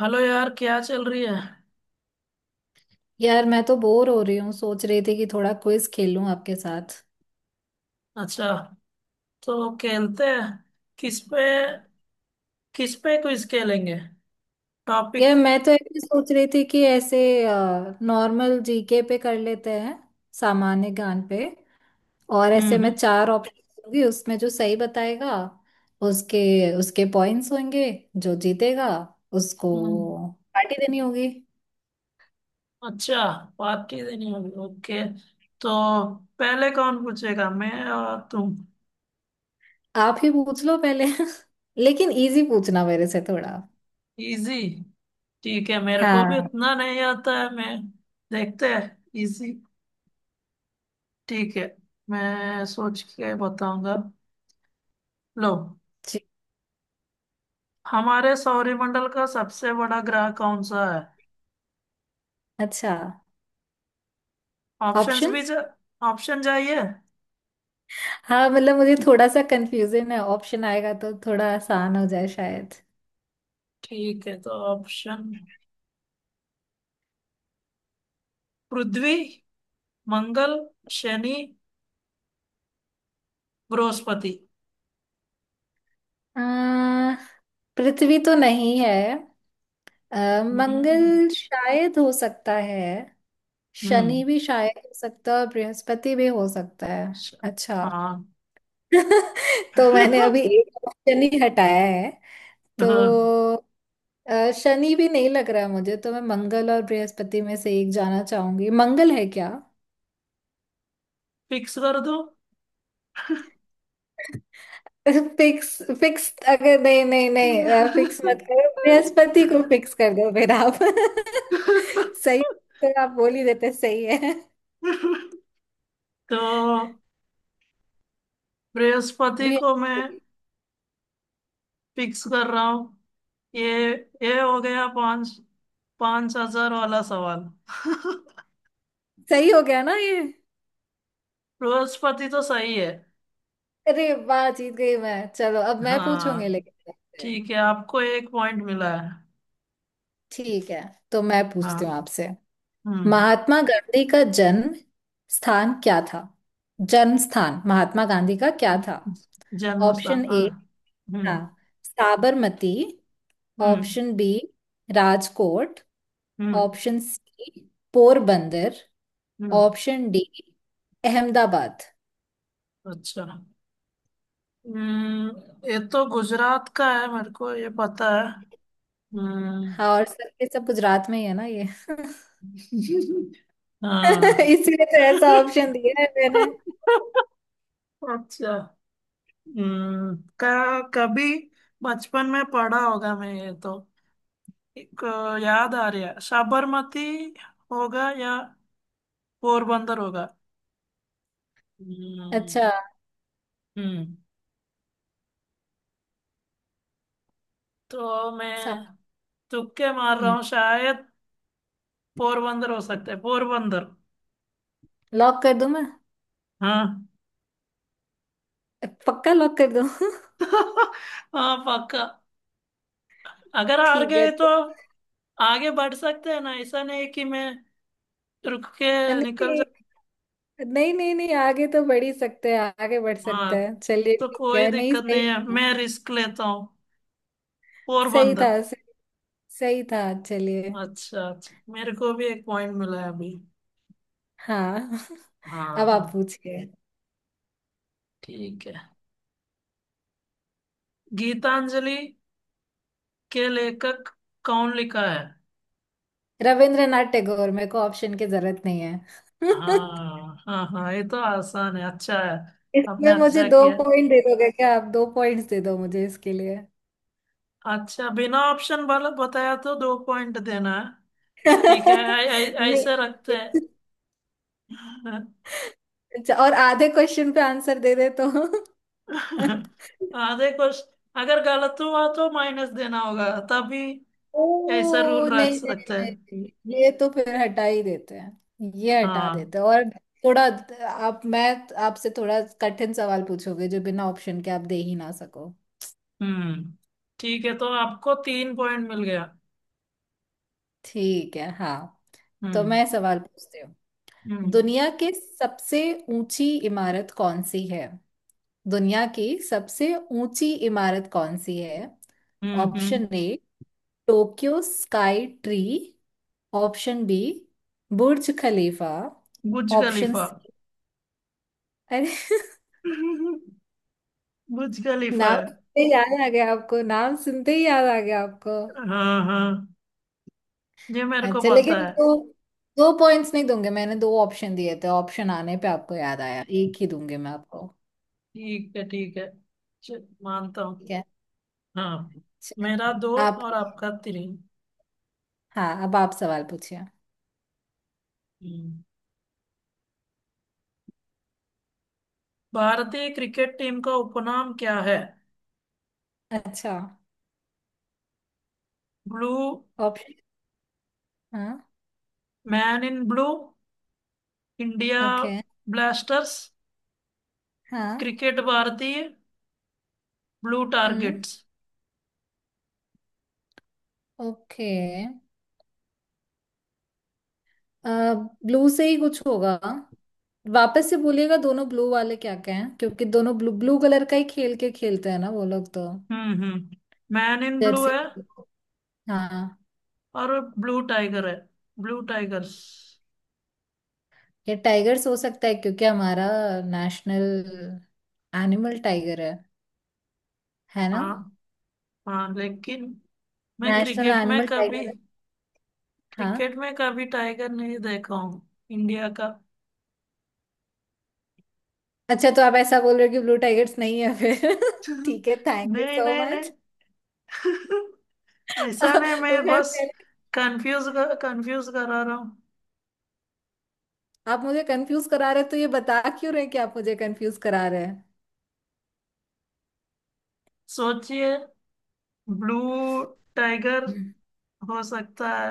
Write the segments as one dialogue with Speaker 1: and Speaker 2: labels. Speaker 1: Hello यार, क्या चल रही है?
Speaker 2: यार मैं तो बोर हो रही हूँ। सोच रही थी कि थोड़ा क्विज खेलूं आपके साथ।
Speaker 1: अच्छा। तो खेलते हैं। किस पे किस पे क्विज खेलेंगे? टॉपिक?
Speaker 2: यार मैं तो ऐसे सोच रही थी कि ऐसे नॉर्मल जीके पे कर लेते हैं, सामान्य ज्ञान पे। और ऐसे
Speaker 1: हम्म।
Speaker 2: मैं चार ऑप्शन दूंगी, उसमें जो सही बताएगा उसके उसके पॉइंट्स होंगे। जो जीतेगा उसको
Speaker 1: हम्म।
Speaker 2: पार्टी देनी होगी।
Speaker 1: अच्छा। पार्टी देनी होगी ओके। तो पहले कौन पूछेगा, मैं और तुम?
Speaker 2: आप ही पूछ लो पहले। लेकिन इजी पूछना मेरे से थोड़ा।
Speaker 1: इजी? ठीक है, मेरे को भी
Speaker 2: हाँ।
Speaker 1: उतना नहीं आता है। मैं देखते हैं। इजी। ठीक है। मैं सोच के बताऊंगा। लो।
Speaker 2: जी।
Speaker 1: हमारे सौरमंडल का सबसे बड़ा ग्रह कौन सा है?
Speaker 2: अच्छा।
Speaker 1: Options
Speaker 2: option.
Speaker 1: भी चा, ऑप्शन चाहिए।
Speaker 2: हाँ, मतलब मुझे थोड़ा सा कंफ्यूजन है, ऑप्शन आएगा तो थोड़ा आसान हो जाए शायद।
Speaker 1: ठीक है तो ऑप्शन, पृथ्वी, मंगल, शनि, बृहस्पति।
Speaker 2: आ, पृथ्वी तो नहीं है।
Speaker 1: हम्म।
Speaker 2: मंगल शायद हो सकता है। शनि
Speaker 1: हम्म।
Speaker 2: भी शायद हो सकता है और बृहस्पति भी हो सकता है।
Speaker 1: श-
Speaker 2: अच्छा।
Speaker 1: हाँ।
Speaker 2: तो मैंने अभी एक ऑप्शन ही हटाया है।
Speaker 1: हाँ।
Speaker 2: तो शनि भी नहीं लग रहा मुझे, तो मैं मंगल और बृहस्पति में से एक जाना चाहूंगी। मंगल है क्या?
Speaker 1: फिक्स कर दो।
Speaker 2: फिक्स फिक्स अगर नहीं नहीं नहीं फिक्स मत करो, बृहस्पति को फिक्स कर दो फिर आप। सही। तो आप बोल ही देते सही है।
Speaker 1: तो बृहस्पति को मैं
Speaker 2: बृहस्पति।
Speaker 1: फिक्स कर रहा हूँ। ये ये हो गया पांच। 5,000 वाला सवाल।
Speaker 2: सही हो गया ना ये?
Speaker 1: बृहस्पति तो सही है।
Speaker 2: अरे वाह, जीत गई मैं। चलो अब मैं पूछूंगी
Speaker 1: हाँ
Speaker 2: लेकिन आपसे।
Speaker 1: ठीक है, आपको एक पॉइंट मिला है।
Speaker 2: ठीक है, तो मैं पूछती हूँ
Speaker 1: हाँ।
Speaker 2: आपसे।
Speaker 1: हम्म।
Speaker 2: महात्मा गांधी का जन्म स्थान क्या था? जन्म स्थान महात्मा गांधी का क्या था?
Speaker 1: जन्म स्थान
Speaker 2: ऑप्शन
Speaker 1: हाँ।
Speaker 2: ए था
Speaker 1: हम्म।
Speaker 2: साबरमती।
Speaker 1: हम्म।
Speaker 2: Option B Rajkot.
Speaker 1: हम्म।
Speaker 2: Option C Porbandar.
Speaker 1: हम्म।
Speaker 2: Option D Ahmedabad.
Speaker 1: अच्छा। ये तो गुजरात का है, मेरे को ये पता है। हम्म।
Speaker 2: हाँ, और सर ये सब गुजरात में ही है ना ये।
Speaker 1: हाँ।
Speaker 2: इसीलिए तो ऐसा ऑप्शन दिया है मैंने।
Speaker 1: अच्छा। का कभी बचपन में पढ़ा होगा, मैं ये तो एक याद आ रहा है, साबरमती होगा या पोरबंदर होगा।
Speaker 2: अच्छा।
Speaker 1: हम्म। हम्म। तो मैं
Speaker 2: सा-
Speaker 1: तुक्के मार रहा
Speaker 2: हम्म।
Speaker 1: हूँ शायद। पोरबंदर हो सकता है, पोरबंदर।
Speaker 2: लॉक कर दूं मैं?
Speaker 1: हाँ।
Speaker 2: पक्का लॉक कर दूं?
Speaker 1: हाँ पक्का। अगर हार
Speaker 2: ठीक है
Speaker 1: गए तो आगे बढ़ सकते हैं ना? ऐसा नहीं कि मैं रुक के निकल जा।
Speaker 2: नहीं नहीं नहीं, नहीं आगे तो बढ़ ही सकते हैं, आगे बढ़ सकते
Speaker 1: हाँ।
Speaker 2: हैं चलिए।
Speaker 1: तो
Speaker 2: ठीक
Speaker 1: कोई
Speaker 2: है, नहीं
Speaker 1: दिक्कत
Speaker 2: सही
Speaker 1: नहीं है,
Speaker 2: था।
Speaker 1: मैं रिस्क लेता हूँ।
Speaker 2: सही था
Speaker 1: पोरबंदर।
Speaker 2: सही, सही था चलिए।
Speaker 1: अच्छा अच्छा, मेरे को भी एक पॉइंट मिला है अभी।
Speaker 2: हाँ।
Speaker 1: हाँ।
Speaker 2: अब आप
Speaker 1: हाँ
Speaker 2: पूछिए।
Speaker 1: ठीक है। गीतांजलि के लेखक कौन लिखा है?
Speaker 2: रविंद्रनाथ टैगोर, मेरे को ऑप्शन की जरूरत नहीं है।
Speaker 1: हाँ, हाँ, हाँ, ये तो आसान है, अच्छा है।
Speaker 2: इसमें
Speaker 1: आपने
Speaker 2: मुझे
Speaker 1: अच्छा
Speaker 2: दो
Speaker 1: किया।
Speaker 2: पॉइंट दे दोगे क्या आप? दो पॉइंट्स दे दो मुझे इसके लिए।
Speaker 1: अच्छा, बिना ऑप्शन वाला बताया तो दो पॉइंट देना है। ठीक है
Speaker 2: नहीं।
Speaker 1: ऐसे रखते हैं।
Speaker 2: अच्छा, और आधे क्वेश्चन पे आंसर दे दे तो?
Speaker 1: आधे क्वेश्चन अगर गलत हुआ तो माइनस देना होगा तभी। ऐसा
Speaker 2: ओ
Speaker 1: रूल रख
Speaker 2: नहीं
Speaker 1: सकते हैं।
Speaker 2: नहीं नहीं, ये तो फिर हटा ही देते हैं, ये हटा
Speaker 1: हाँ।
Speaker 2: देते हैं। और थोड़ा आप मैं आपसे थोड़ा कठिन सवाल पूछोगे जो बिना ऑप्शन के आप दे ही ना सको।
Speaker 1: हम्म। ठीक है, तो आपको तीन पॉइंट मिल गया।
Speaker 2: ठीक है, हाँ। तो
Speaker 1: हम्म।
Speaker 2: मैं सवाल पूछती,
Speaker 1: हम्म।
Speaker 2: दुनिया के सबसे ऊंची इमारत कौन सी है? दुनिया की सबसे ऊंची इमारत कौन सी है?
Speaker 1: हम्म।
Speaker 2: ऑप्शन
Speaker 1: हम्म।
Speaker 2: A Tokyo Sky Tree. Option B Burj Khalifa.
Speaker 1: Burj
Speaker 2: option
Speaker 1: Khalifa.
Speaker 2: C, अरे!
Speaker 1: बुर्ज खलीफा
Speaker 2: नाम
Speaker 1: है।
Speaker 2: सुनते ही याद आ गया आपको, नाम सुनते ही याद आ गया आपको।
Speaker 1: हाँ हाँ, ये मेरे को
Speaker 2: अच्छा,
Speaker 1: पता
Speaker 2: लेकिन
Speaker 1: है।
Speaker 2: दो दो पॉइंट्स नहीं दूंगे। मैंने दो ऑप्शन दिए थे, ऑप्शन आने पे आपको याद आया, एक ही दूंगी मैं आपको।
Speaker 1: ठीक है, ठीक है, चल, मानता हूँ।
Speaker 2: ठीक है।
Speaker 1: हाँ।
Speaker 2: अच्छा,
Speaker 1: मेरा दो
Speaker 2: आप।
Speaker 1: और आपका तीन।
Speaker 2: हाँ, अब आप सवाल पूछिए।
Speaker 1: हम्म। भारतीय क्रिकेट टीम का उपनाम क्या है?
Speaker 2: अच्छा।
Speaker 1: Blue,
Speaker 2: option. हाँ।
Speaker 1: Man in blue, India
Speaker 2: okay.
Speaker 1: Blasters,
Speaker 2: हाँ।
Speaker 1: क्रिकेट भारतीय, ब्लू
Speaker 2: हम्म।
Speaker 1: टारगेट्स।
Speaker 2: ओके। ब्लू से ही कुछ होगा। वापस से बोलिएगा दोनों ब्लू वाले क्या क्या हैं, क्योंकि दोनों ब्लू ब्लू कलर का ही खेल के खेलते हैं ना वो लोग तो।
Speaker 1: हम्म। हम्म। Man in blue
Speaker 2: jersey.
Speaker 1: है,
Speaker 2: हाँ।
Speaker 1: और ब्लू टाइगर है, ब्लू टाइगर्स।
Speaker 2: ये टाइगर्स हो सकता है, क्योंकि हमारा नेशनल एनिमल टाइगर है ना?
Speaker 1: हाँ हाँ, लेकिन मैं
Speaker 2: नेशनल
Speaker 1: क्रिकेट में
Speaker 2: एनिमल
Speaker 1: कभी
Speaker 2: टाइगर है।
Speaker 1: क्रिकेट
Speaker 2: हाँ।
Speaker 1: में कभी टाइगर नहीं देखा हूँ इंडिया का।
Speaker 2: अच्छा, तो आप ऐसा बोल रहे हो कि ब्लू टाइगर्स नहीं है फिर? ठीक है, थैंक यू
Speaker 1: नहीं,
Speaker 2: सो
Speaker 1: नहीं, नहीं।
Speaker 2: मच।
Speaker 1: ऐसा नहीं,
Speaker 2: तो
Speaker 1: मैं
Speaker 2: मैं
Speaker 1: बस
Speaker 2: पहले
Speaker 1: कंफ्यूज करा रहा हूँ।
Speaker 2: आप मुझे कंफ्यूज करा रहे हैं, तो ये बता क्यों रहे हैं कि आप मुझे कंफ्यूज करा रहे हैं?
Speaker 1: सोचिए, ब्लू टाइगर
Speaker 2: हम्म।
Speaker 1: हो सकता है,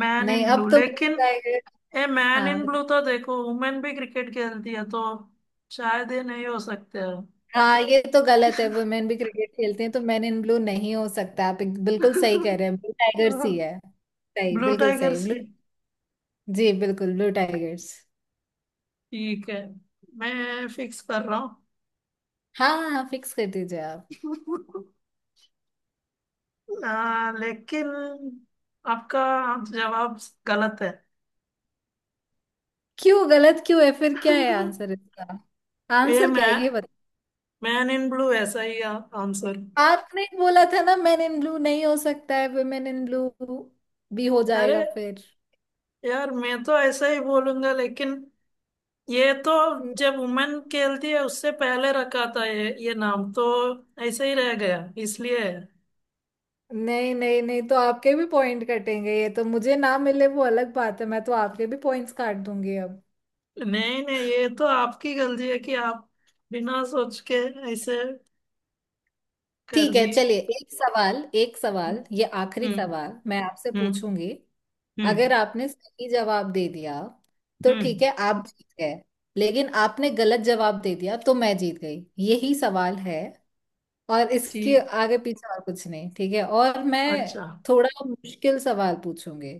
Speaker 1: मैन इन
Speaker 2: नहीं,
Speaker 1: ब्लू,
Speaker 2: अब तो
Speaker 1: लेकिन
Speaker 2: मुझे आएगा।
Speaker 1: ए मैन
Speaker 2: हाँ,
Speaker 1: इन
Speaker 2: बता।
Speaker 1: ब्लू, तो देखो वुमेन भी क्रिकेट खेलती है, तो शायद ये नहीं हो सकते हैं।
Speaker 2: हाँ, ये तो गलत है, वुमेन भी क्रिकेट खेलते हैं तो मैन इन ब्लू नहीं हो सकता। बिल्कुल सही कह रहे हैं, ब्लू टाइगर्स ही है। सही,
Speaker 1: ब्लू
Speaker 2: बिल्कुल
Speaker 1: टाइगर
Speaker 2: सही, ब्लू।
Speaker 1: सी।
Speaker 2: जी, बिल्कुल ब्लू टाइगर्स।
Speaker 1: ठीक है, मैं फिक्स कर रहा
Speaker 2: हाँ हाँ, फिक्स कर दीजिए आप।
Speaker 1: हूँ। लेकिन आपका जवाब गलत है।
Speaker 2: क्यों गलत, क्यों है फिर? क्या है आंसर, इसका
Speaker 1: ये
Speaker 2: आंसर क्या
Speaker 1: मैं
Speaker 2: है ये?
Speaker 1: मैन इन ब्लू ऐसा ही आंसर।
Speaker 2: आपने बोला था ना मैन इन ब्लू नहीं हो सकता है, वुमेन इन ब्लू भी हो
Speaker 1: अरे
Speaker 2: जाएगा फिर।
Speaker 1: यार, मैं तो ऐसा ही बोलूंगा, लेकिन ये तो
Speaker 2: न-
Speaker 1: जब वुमेन खेलती है उससे पहले रखा था, ये नाम तो ऐसे ही रह गया इसलिए।
Speaker 2: नहीं नहीं नहीं, तो आपके भी पॉइंट कटेंगे, ये तो मुझे ना मिले वो अलग बात है, मैं तो आपके भी पॉइंट्स काट दूंगी अब।
Speaker 1: नहीं नहीं, ये तो आपकी गलती है कि आप बिना सोच के ऐसे कर
Speaker 2: ठीक है
Speaker 1: दी।
Speaker 2: चलिए, एक सवाल एक
Speaker 1: हम्म।
Speaker 2: सवाल ये आखिरी सवाल
Speaker 1: हम्म।
Speaker 2: मैं आपसे
Speaker 1: हम्म।
Speaker 2: पूछूंगी।
Speaker 1: हम्म।
Speaker 2: अगर आपने सही जवाब दे दिया तो ठीक
Speaker 1: हम्म,
Speaker 2: है, आप जीत गए। लेकिन आपने गलत जवाब दे दिया तो मैं जीत गई। यही सवाल है और इसके
Speaker 1: ठीक।
Speaker 2: आगे पीछे और कुछ नहीं, ठीक है? और मैं
Speaker 1: अच्छा।
Speaker 2: थोड़ा मुश्किल सवाल पूछूंगी।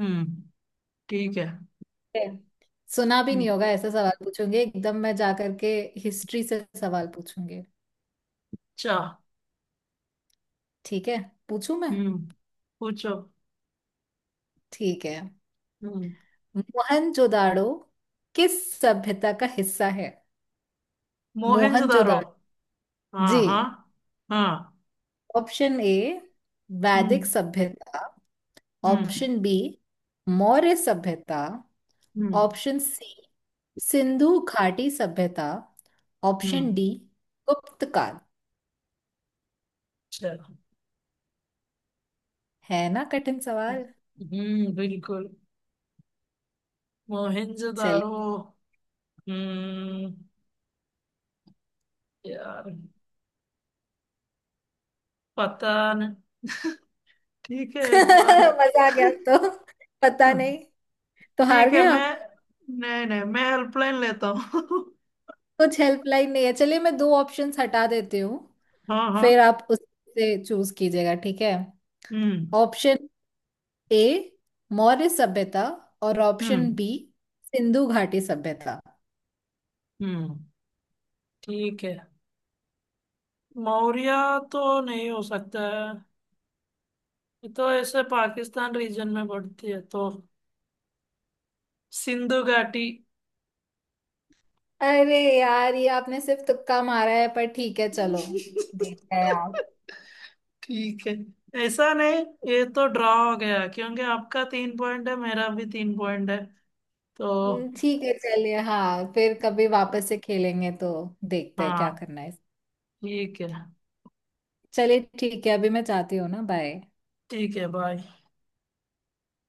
Speaker 1: हम्म ठीक है। हम्म।
Speaker 2: ठीक है। सुना भी नहीं होगा ऐसा सवाल पूछूंगी, एकदम मैं जा करके हिस्ट्री से सवाल पूछूंगी।
Speaker 1: अच्छा।
Speaker 2: ठीक है? पूछूं मैं?
Speaker 1: हम्म। पूछो।
Speaker 2: ठीक है।
Speaker 1: हम्म।
Speaker 2: मोहनजोदाड़ो किस सभ्यता का हिस्सा है?
Speaker 1: मोहनजोदारो।
Speaker 2: मोहनजोदाड़ो।
Speaker 1: हाँ हाँ।
Speaker 2: जी।
Speaker 1: हाँ।
Speaker 2: ऑप्शन ए
Speaker 1: हम्म।
Speaker 2: वैदिक सभ्यता।
Speaker 1: हम्म।
Speaker 2: ऑप्शन बी मौर्य सभ्यता।
Speaker 1: हम्म।
Speaker 2: ऑप्शन सी सिंधु घाटी सभ्यता। ऑप्शन
Speaker 1: हम्म।
Speaker 2: डी गुप्त काल।
Speaker 1: चलो।
Speaker 2: है ना कठिन सवाल?
Speaker 1: बिल्कुल।
Speaker 2: चल।
Speaker 1: मोहनजोदारो। हम्म। यार, पता नहीं। ठीक है, एक बार।
Speaker 2: मजा आ गया, तो पता नहीं, तो हार
Speaker 1: ठीक है,
Speaker 2: गए
Speaker 1: मैं,
Speaker 2: आप।
Speaker 1: नहीं नहीं, मैं हेल्पलाइन लेता हूँ।
Speaker 2: कुछ हेल्पलाइन नहीं है। चलिए मैं दो ऑप्शंस हटा देती हूँ,
Speaker 1: हाँ हाँ।
Speaker 2: फिर आप उससे चूज कीजिएगा, ठीक है?
Speaker 1: हम्म।
Speaker 2: ऑप्शन ए मौर्य सभ्यता और ऑप्शन
Speaker 1: हम्म।
Speaker 2: बी सिंधु घाटी सभ्यता।
Speaker 1: हम्म। ठीक है, मौर्य तो नहीं हो सकता है। ये तो ऐसे पाकिस्तान रीजन में पड़ती है, तो सिंधु घाटी।
Speaker 2: अरे यार, ये आपने सिर्फ तुक्का मारा है, पर ठीक है चलो, जीत गए आप।
Speaker 1: ठीक है, ऐसा नहीं, ये तो ड्रॉ हो गया क्योंकि आपका तीन पॉइंट है, मेरा भी तीन पॉइंट है तो।
Speaker 2: ठीक है चलिए। हाँ, फिर कभी वापस से खेलेंगे तो देखते हैं क्या
Speaker 1: हाँ
Speaker 2: करना है।
Speaker 1: ठीक है।
Speaker 2: चलिए ठीक है, अभी मैं जाती हूँ ना, बाय।
Speaker 1: ठीक है, बाय।